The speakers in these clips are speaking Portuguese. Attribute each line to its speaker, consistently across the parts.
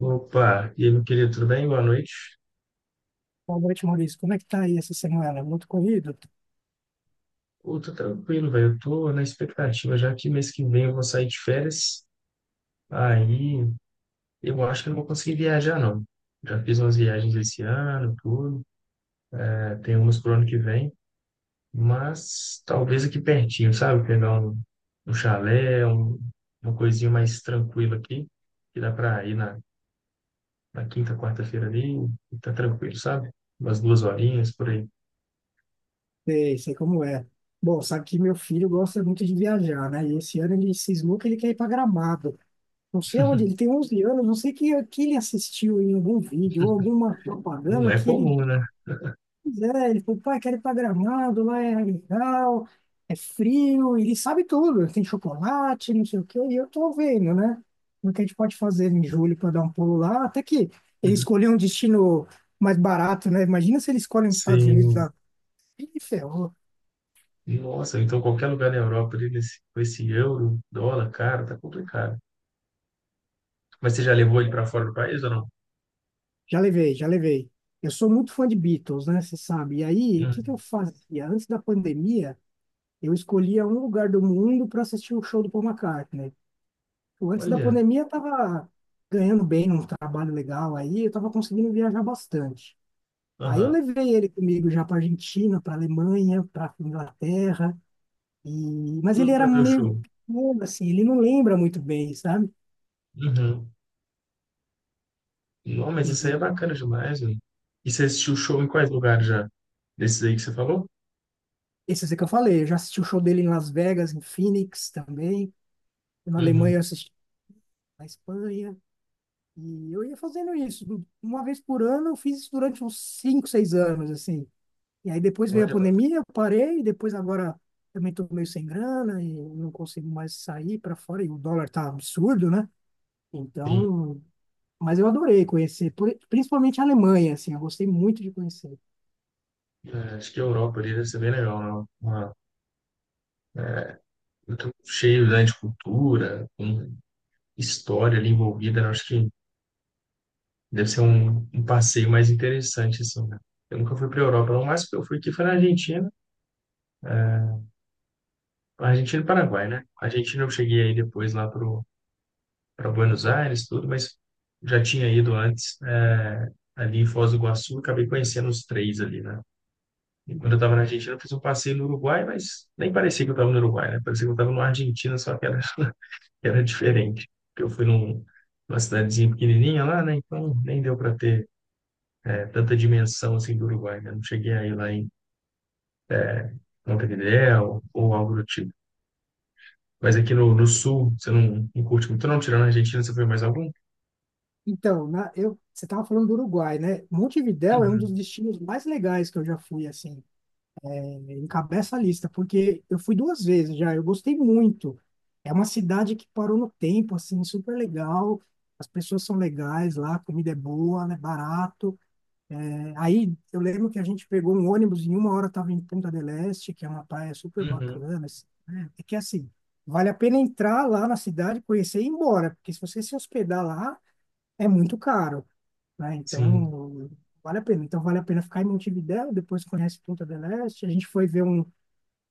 Speaker 1: Opa, e aí, meu querido, tudo bem? Boa noite.
Speaker 2: Boa noite, Maurício. Como é que tá aí essa semana? Muito corrido?
Speaker 1: Pô, tô tranquilo, velho. Eu tô na expectativa, já que mês que vem eu vou sair de férias. Aí eu acho que eu não vou conseguir viajar, não. Já fiz umas viagens esse ano, tudo, né. Tem umas pro ano que vem, mas talvez aqui pertinho, sabe? Pegar um, um chalé, uma coisinha mais tranquila aqui, que dá pra ir na quinta, quarta-feira ali, e tá tranquilo, sabe? Umas duas horinhas por aí.
Speaker 2: Sei, sei como é. Bom, sabe que meu filho gosta muito de viajar, né? E esse ano ele cismou que ele quer ir para Gramado. Não sei onde, ele tem 11 anos, não sei que ele assistiu em algum vídeo ou alguma
Speaker 1: Não
Speaker 2: propaganda
Speaker 1: é
Speaker 2: que ele.
Speaker 1: comum, né?
Speaker 2: Pois é, ele falou, pai, quero ir pra Gramado, lá é legal, é frio, e ele sabe tudo, tem chocolate, não sei o quê, e eu tô vendo, né? O que a gente pode fazer em julho para dar um pulo lá, até que ele escolheu um destino mais barato, né? Imagina se ele escolhe os Estados Unidos
Speaker 1: Sim.
Speaker 2: lá. Ih, ferrou.
Speaker 1: Nossa, então qualquer lugar na Europa ali, nesse, com esse euro, dólar, cara, tá complicado. Mas você já levou ele para fora do país ou não?
Speaker 2: Já levei, já levei. Eu sou muito fã de Beatles, né? Você sabe. E aí, o
Speaker 1: Hum,
Speaker 2: que que eu fazia? Antes da pandemia, eu escolhia um lugar do mundo para assistir o show do Paul McCartney. Antes da
Speaker 1: olha,
Speaker 2: pandemia, eu tava ganhando bem num trabalho legal aí, eu tava conseguindo viajar bastante. Aí eu
Speaker 1: aham,
Speaker 2: levei ele comigo já para Argentina, para Alemanha, para Inglaterra, e... mas ele
Speaker 1: tudo
Speaker 2: era
Speaker 1: para ver o show.
Speaker 2: meio pequeno, assim, ele não lembra muito bem, sabe?
Speaker 1: Uhum. Não, mas
Speaker 2: E
Speaker 1: isso aí é bacana demais, velho. E você assistiu o show em quais lugares já? Desses aí que você falou?
Speaker 2: esse é que eu falei, eu já assisti o show dele em Las Vegas, em Phoenix também, na Alemanha eu
Speaker 1: Uhum.
Speaker 2: assisti, na Espanha, e eu ia fazendo isso. Uma vez por ano, eu fiz isso durante uns 5, 6 anos, assim. E aí depois veio a
Speaker 1: Olha, mano,
Speaker 2: pandemia, eu parei, depois agora também estou meio sem grana e não consigo mais sair para fora, e o dólar tá absurdo, né?
Speaker 1: sim.
Speaker 2: Então, mas eu adorei conhecer, principalmente a Alemanha, assim, eu gostei muito de conhecer.
Speaker 1: É, acho que a Europa ali deve ser bem legal, não? Uma, muito cheio, né, de cultura, com história ali envolvida, né? Acho que deve ser um, um passeio mais interessante, assim, né? Eu nunca fui para a Europa, não. O máximo que eu fui aqui foi na Argentina. É, Argentina e Paraguai, né? Argentina eu cheguei aí depois para Buenos Aires, tudo, mas já tinha ido antes, é, ali em Foz do Iguaçu, acabei conhecendo os três ali, né? E quando eu estava na Argentina, eu fiz um passeio no Uruguai, mas nem parecia que eu estava no Uruguai, né? Parecia que eu estava na Argentina, só que era, era
Speaker 2: E-
Speaker 1: diferente. Porque eu fui num, numa cidadezinha pequenininha lá, né? Então nem deu para ter, é, tanta dimensão assim do Uruguai, né? Não cheguei aí lá em Montevidéu ou algo do tipo. Mas aqui no, no sul, você não, não curte muito, não? Tirando a Argentina, você foi mais algum?
Speaker 2: Então, na, eu, você estava falando do Uruguai, né? Montevidéu é um dos
Speaker 1: Uhum,
Speaker 2: destinos mais legais que eu já fui, assim. É, encabeça a lista, porque eu fui duas vezes já, eu gostei muito. É uma cidade que parou no tempo, assim, super legal. As pessoas são legais lá, a comida é boa, é barato. É, aí eu lembro que a gente pegou um ônibus e em uma hora estava em Punta del Este, que é uma praia super
Speaker 1: uhum,
Speaker 2: bacana, assim, né? É que assim, vale a pena entrar lá na cidade, conhecer e ir embora, porque se você se hospedar lá, é muito caro, né?
Speaker 1: sim.
Speaker 2: Então, vale a pena. Então, vale a pena ficar em Montevidéu, depois conhece Punta del Este. A gente foi ver um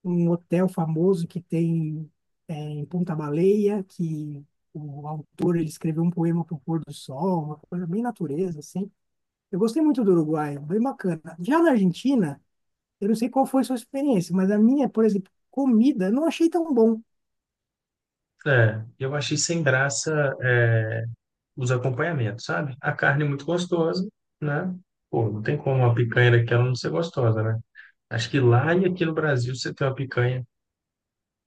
Speaker 2: um hotel famoso que tem, é, em Punta Baleia, que o autor ele escreveu um poema para o pôr do sol, uma coisa bem natureza, assim. Eu gostei muito do Uruguai, bem bacana. Já na Argentina, eu não sei qual foi a sua experiência, mas a minha, por exemplo, comida, eu não achei tão bom.
Speaker 1: É, eu achei sem graça, é, os acompanhamentos, sabe? A carne é muito gostosa, né? Pô, não tem como uma picanha daquela não ser gostosa, né? Acho que lá e aqui no Brasil você tem uma picanha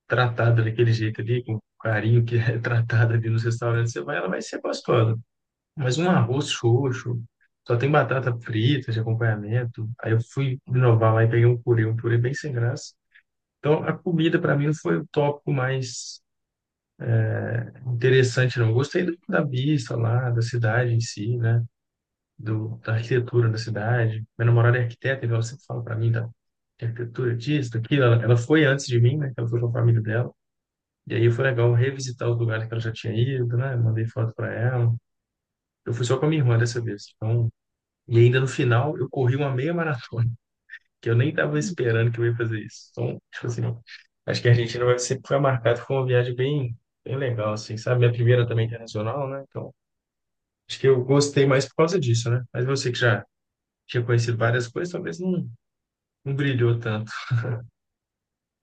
Speaker 1: tratada daquele jeito ali, com o carinho que é tratada ali nos restaurantes, você vai, ela vai ser gostosa. Mas um arroz xoxo, só tem batata frita de acompanhamento. Aí eu fui inovar lá e peguei um purê bem sem graça. Então a comida para mim não foi o tópico mais interessante, não. Eu da vista lá, da cidade em si, né? Do, da arquitetura da cidade. Minha namorada é arquiteta, então ela sempre fala para mim da arquitetura disso, daquilo. Ela foi antes de mim, né? que Ela foi com a família dela. E aí foi legal revisitar os lugares que ela já tinha ido, né? Mandei foto para ela. Eu fui só com a minha irmã dessa vez. Então e ainda no final eu corri uma meia maratona, que eu nem estava esperando que eu ia fazer isso. Então, tipo assim, acho que a Argentina vai sempre foi marcado por uma viagem bem, bem legal, assim, sabe? Minha primeira também internacional, né? Então, acho que eu gostei mais por causa disso, né? Mas você que já tinha conhecido várias coisas, talvez não, não brilhou tanto.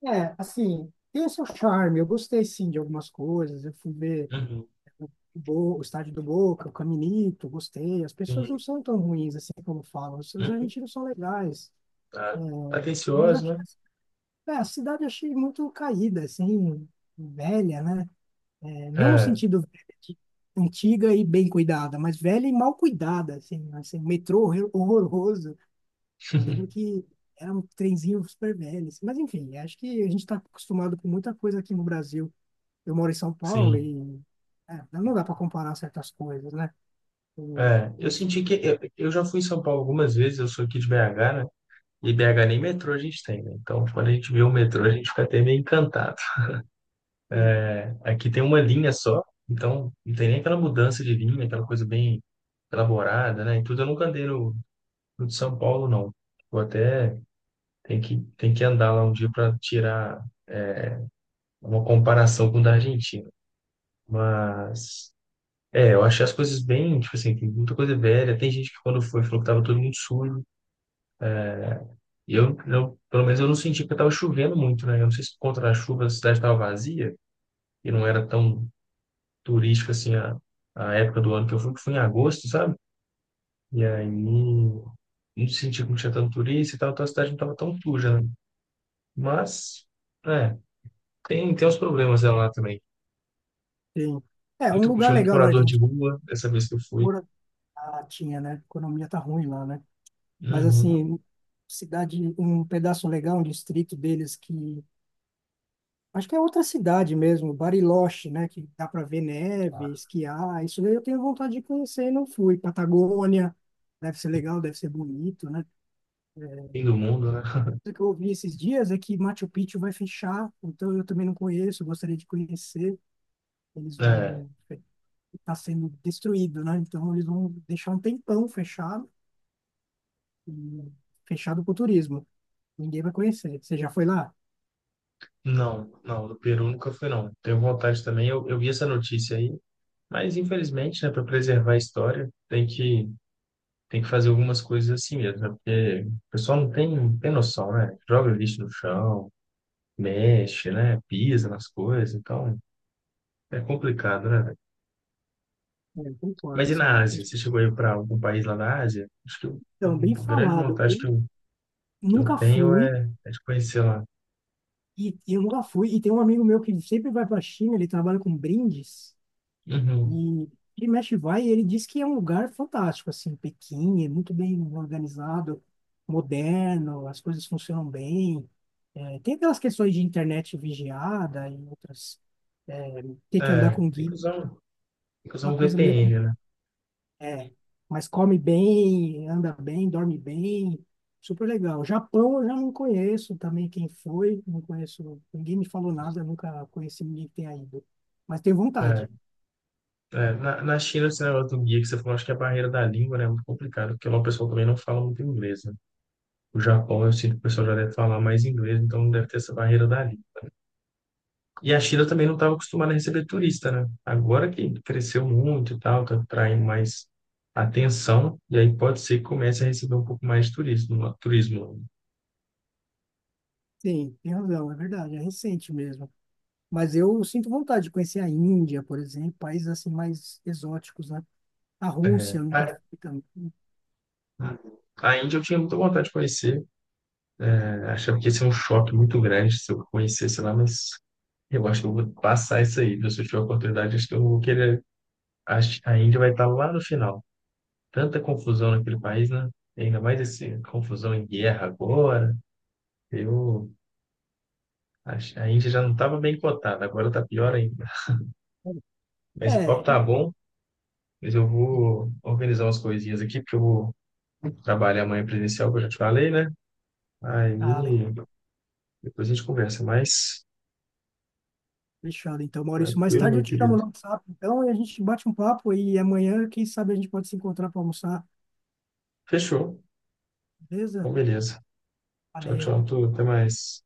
Speaker 2: É, assim, tem o seu charme. Eu gostei, sim, de algumas coisas. Eu fui ver
Speaker 1: Uhum.
Speaker 2: o estádio do Boca, o Caminito, gostei. As pessoas
Speaker 1: Sim.
Speaker 2: não são tão ruins assim como falam. Os seus
Speaker 1: Uhum.
Speaker 2: argentinos são legais.
Speaker 1: Ah,
Speaker 2: Mas
Speaker 1: atencioso,
Speaker 2: acho que,
Speaker 1: né?
Speaker 2: é, a cidade eu achei muito caída, assim, velha, né? É, não no
Speaker 1: É,
Speaker 2: sentido velha, de antiga e bem cuidada, mas velha e mal cuidada, assim, assim, metrô horroroso. Eu lembro que era um trenzinho super velho, assim. Mas enfim, acho que a gente está acostumado com muita coisa aqui no Brasil. Eu moro em São Paulo
Speaker 1: sim.
Speaker 2: e é, não dá para comparar certas coisas, né? Eu-
Speaker 1: É, eu senti que eu já fui em São Paulo algumas vezes, eu sou aqui de BH, né? E BH nem metrô a gente tem, né? Então, quando a gente vê o metrô, a gente fica até meio encantado.
Speaker 2: Enfim,
Speaker 1: Aqui tem uma linha só, então não tem nem aquela mudança de linha, aquela coisa bem elaborada, né? E tudo eu nunca andei no, no de São Paulo, não. Vou até tem que andar lá um dia para tirar uma comparação com o da Argentina. Mas, é, eu achei as coisas bem, tipo assim, tem muita coisa velha. Tem gente que quando foi falou que tava todo mundo sujo. E pelo menos eu não senti que tava chovendo muito, né? Eu não sei se por conta da chuva a cidade tava vazia, e não era tão turístico assim a época do ano que eu fui, que foi em agosto, sabe? E aí não sentia que não tinha tanto turista e tal, então a cidade não estava tão suja, né? Mas, é, tem uns problemas dela lá também.
Speaker 2: tem- é um
Speaker 1: Muito,
Speaker 2: lugar
Speaker 1: tinha muito
Speaker 2: legal, né? A
Speaker 1: morador de
Speaker 2: gente
Speaker 1: rua, dessa vez que eu fui.
Speaker 2: mora na Latinha, né? A economia tá ruim lá, né? Mas,
Speaker 1: Uhum.
Speaker 2: assim, cidade, um pedaço legal, um distrito deles que. Acho que é outra cidade mesmo, Bariloche, né? Que dá para ver neve, esquiar. Isso daí eu tenho vontade de conhecer e não fui. Patagônia, deve ser legal, deve ser bonito, né?
Speaker 1: Fim do mundo, né?
Speaker 2: O que eu ouvi esses dias é que Machu Picchu vai fechar, então eu também não conheço, gostaria de conhecer. Eles
Speaker 1: É,
Speaker 2: vão. Está sendo destruído, né? Então eles vão deixar um tempão fechado, e fechado para o turismo. Ninguém vai conhecer. Você já foi lá?
Speaker 1: não, não, do Peru nunca fui, não. Tenho vontade também, eu vi essa notícia aí, mas infelizmente, né, para preservar a história, tem que fazer algumas coisas assim mesmo, né? Porque o pessoal não tem noção, né? Joga lixo no chão, mexe, né? Pisa nas coisas, então é complicado, né, velho?
Speaker 2: É, eu concordo,
Speaker 1: Mas e
Speaker 2: assim.
Speaker 1: na Ásia?
Speaker 2: Depois-
Speaker 1: Você chegou aí para algum país lá na Ásia?
Speaker 2: Então, bem
Speaker 1: A grande
Speaker 2: falado.
Speaker 1: vontade que que eu
Speaker 2: Nunca
Speaker 1: tenho
Speaker 2: fui,
Speaker 1: é, é de conhecer lá.
Speaker 2: eu nunca fui, e tem um amigo meu que sempre vai para a China, ele trabalha com brindes,
Speaker 1: Uhum.
Speaker 2: e ele mexe vai, e ele diz que é um lugar fantástico, assim, Pequim, é muito bem organizado, moderno, as coisas funcionam bem. É, tem aquelas questões de internet vigiada e outras, é, ter que andar
Speaker 1: É,
Speaker 2: com guia,
Speaker 1: tem que usar um
Speaker 2: uma coisa meio
Speaker 1: VPN, né?
Speaker 2: é, mas come bem, anda bem, dorme bem, super legal. Japão eu já não conheço também, quem foi, não conheço, ninguém me falou nada, nunca conheci ninguém que tenha ido. Mas tenho
Speaker 1: É,
Speaker 2: vontade,
Speaker 1: é. Na China, esse negócio do guia que você falou, acho que é a barreira da língua, né, é muito complicado, porque lá o pessoal também não fala muito inglês, né? O Japão, eu sinto que o pessoal já deve falar mais inglês, então não deve ter essa barreira da língua. E a China também não estava acostumada a receber turista, né? Agora que cresceu muito e tal, está atraindo mais atenção, e aí pode ser que comece a receber um pouco mais de turismo, turismo.
Speaker 2: sim, tem razão, é verdade, é recente mesmo. Mas eu sinto vontade de conhecer a Índia, por exemplo, países assim mais exóticos, né? A
Speaker 1: É,
Speaker 2: Rússia eu nunca fui também.
Speaker 1: a Índia eu tinha muita vontade de conhecer, é, achava que ia ser um choque muito grande se eu conhecesse lá, mas eu acho que eu vou passar isso aí, viu? Se eu tiver a oportunidade, acho que eu vou querer. Acho que a Índia vai estar lá no final. Tanta confusão naquele país, né? E ainda mais essa confusão em guerra agora. Eu acho, a Índia já não estava bem cotada, agora tá pior ainda. Mas o papo
Speaker 2: É,
Speaker 1: tá
Speaker 2: eu
Speaker 1: bom, mas eu
Speaker 2: entendi.
Speaker 1: vou organizar umas coisinhas aqui, porque eu vou trabalhar amanhã presencial, que eu já te falei, né? Aí
Speaker 2: Ah, legal.
Speaker 1: depois a gente conversa mais.
Speaker 2: Fechado, então, Maurício. Mais
Speaker 1: Tranquilo,
Speaker 2: tarde eu
Speaker 1: meu
Speaker 2: te
Speaker 1: querido.
Speaker 2: chamo no WhatsApp, então, e a gente bate um papo e amanhã, quem sabe, a gente pode se encontrar para almoçar.
Speaker 1: Fechou.
Speaker 2: Beleza?
Speaker 1: Então, beleza. Tchau,
Speaker 2: Valeu.
Speaker 1: tchau, tudo. Até mais.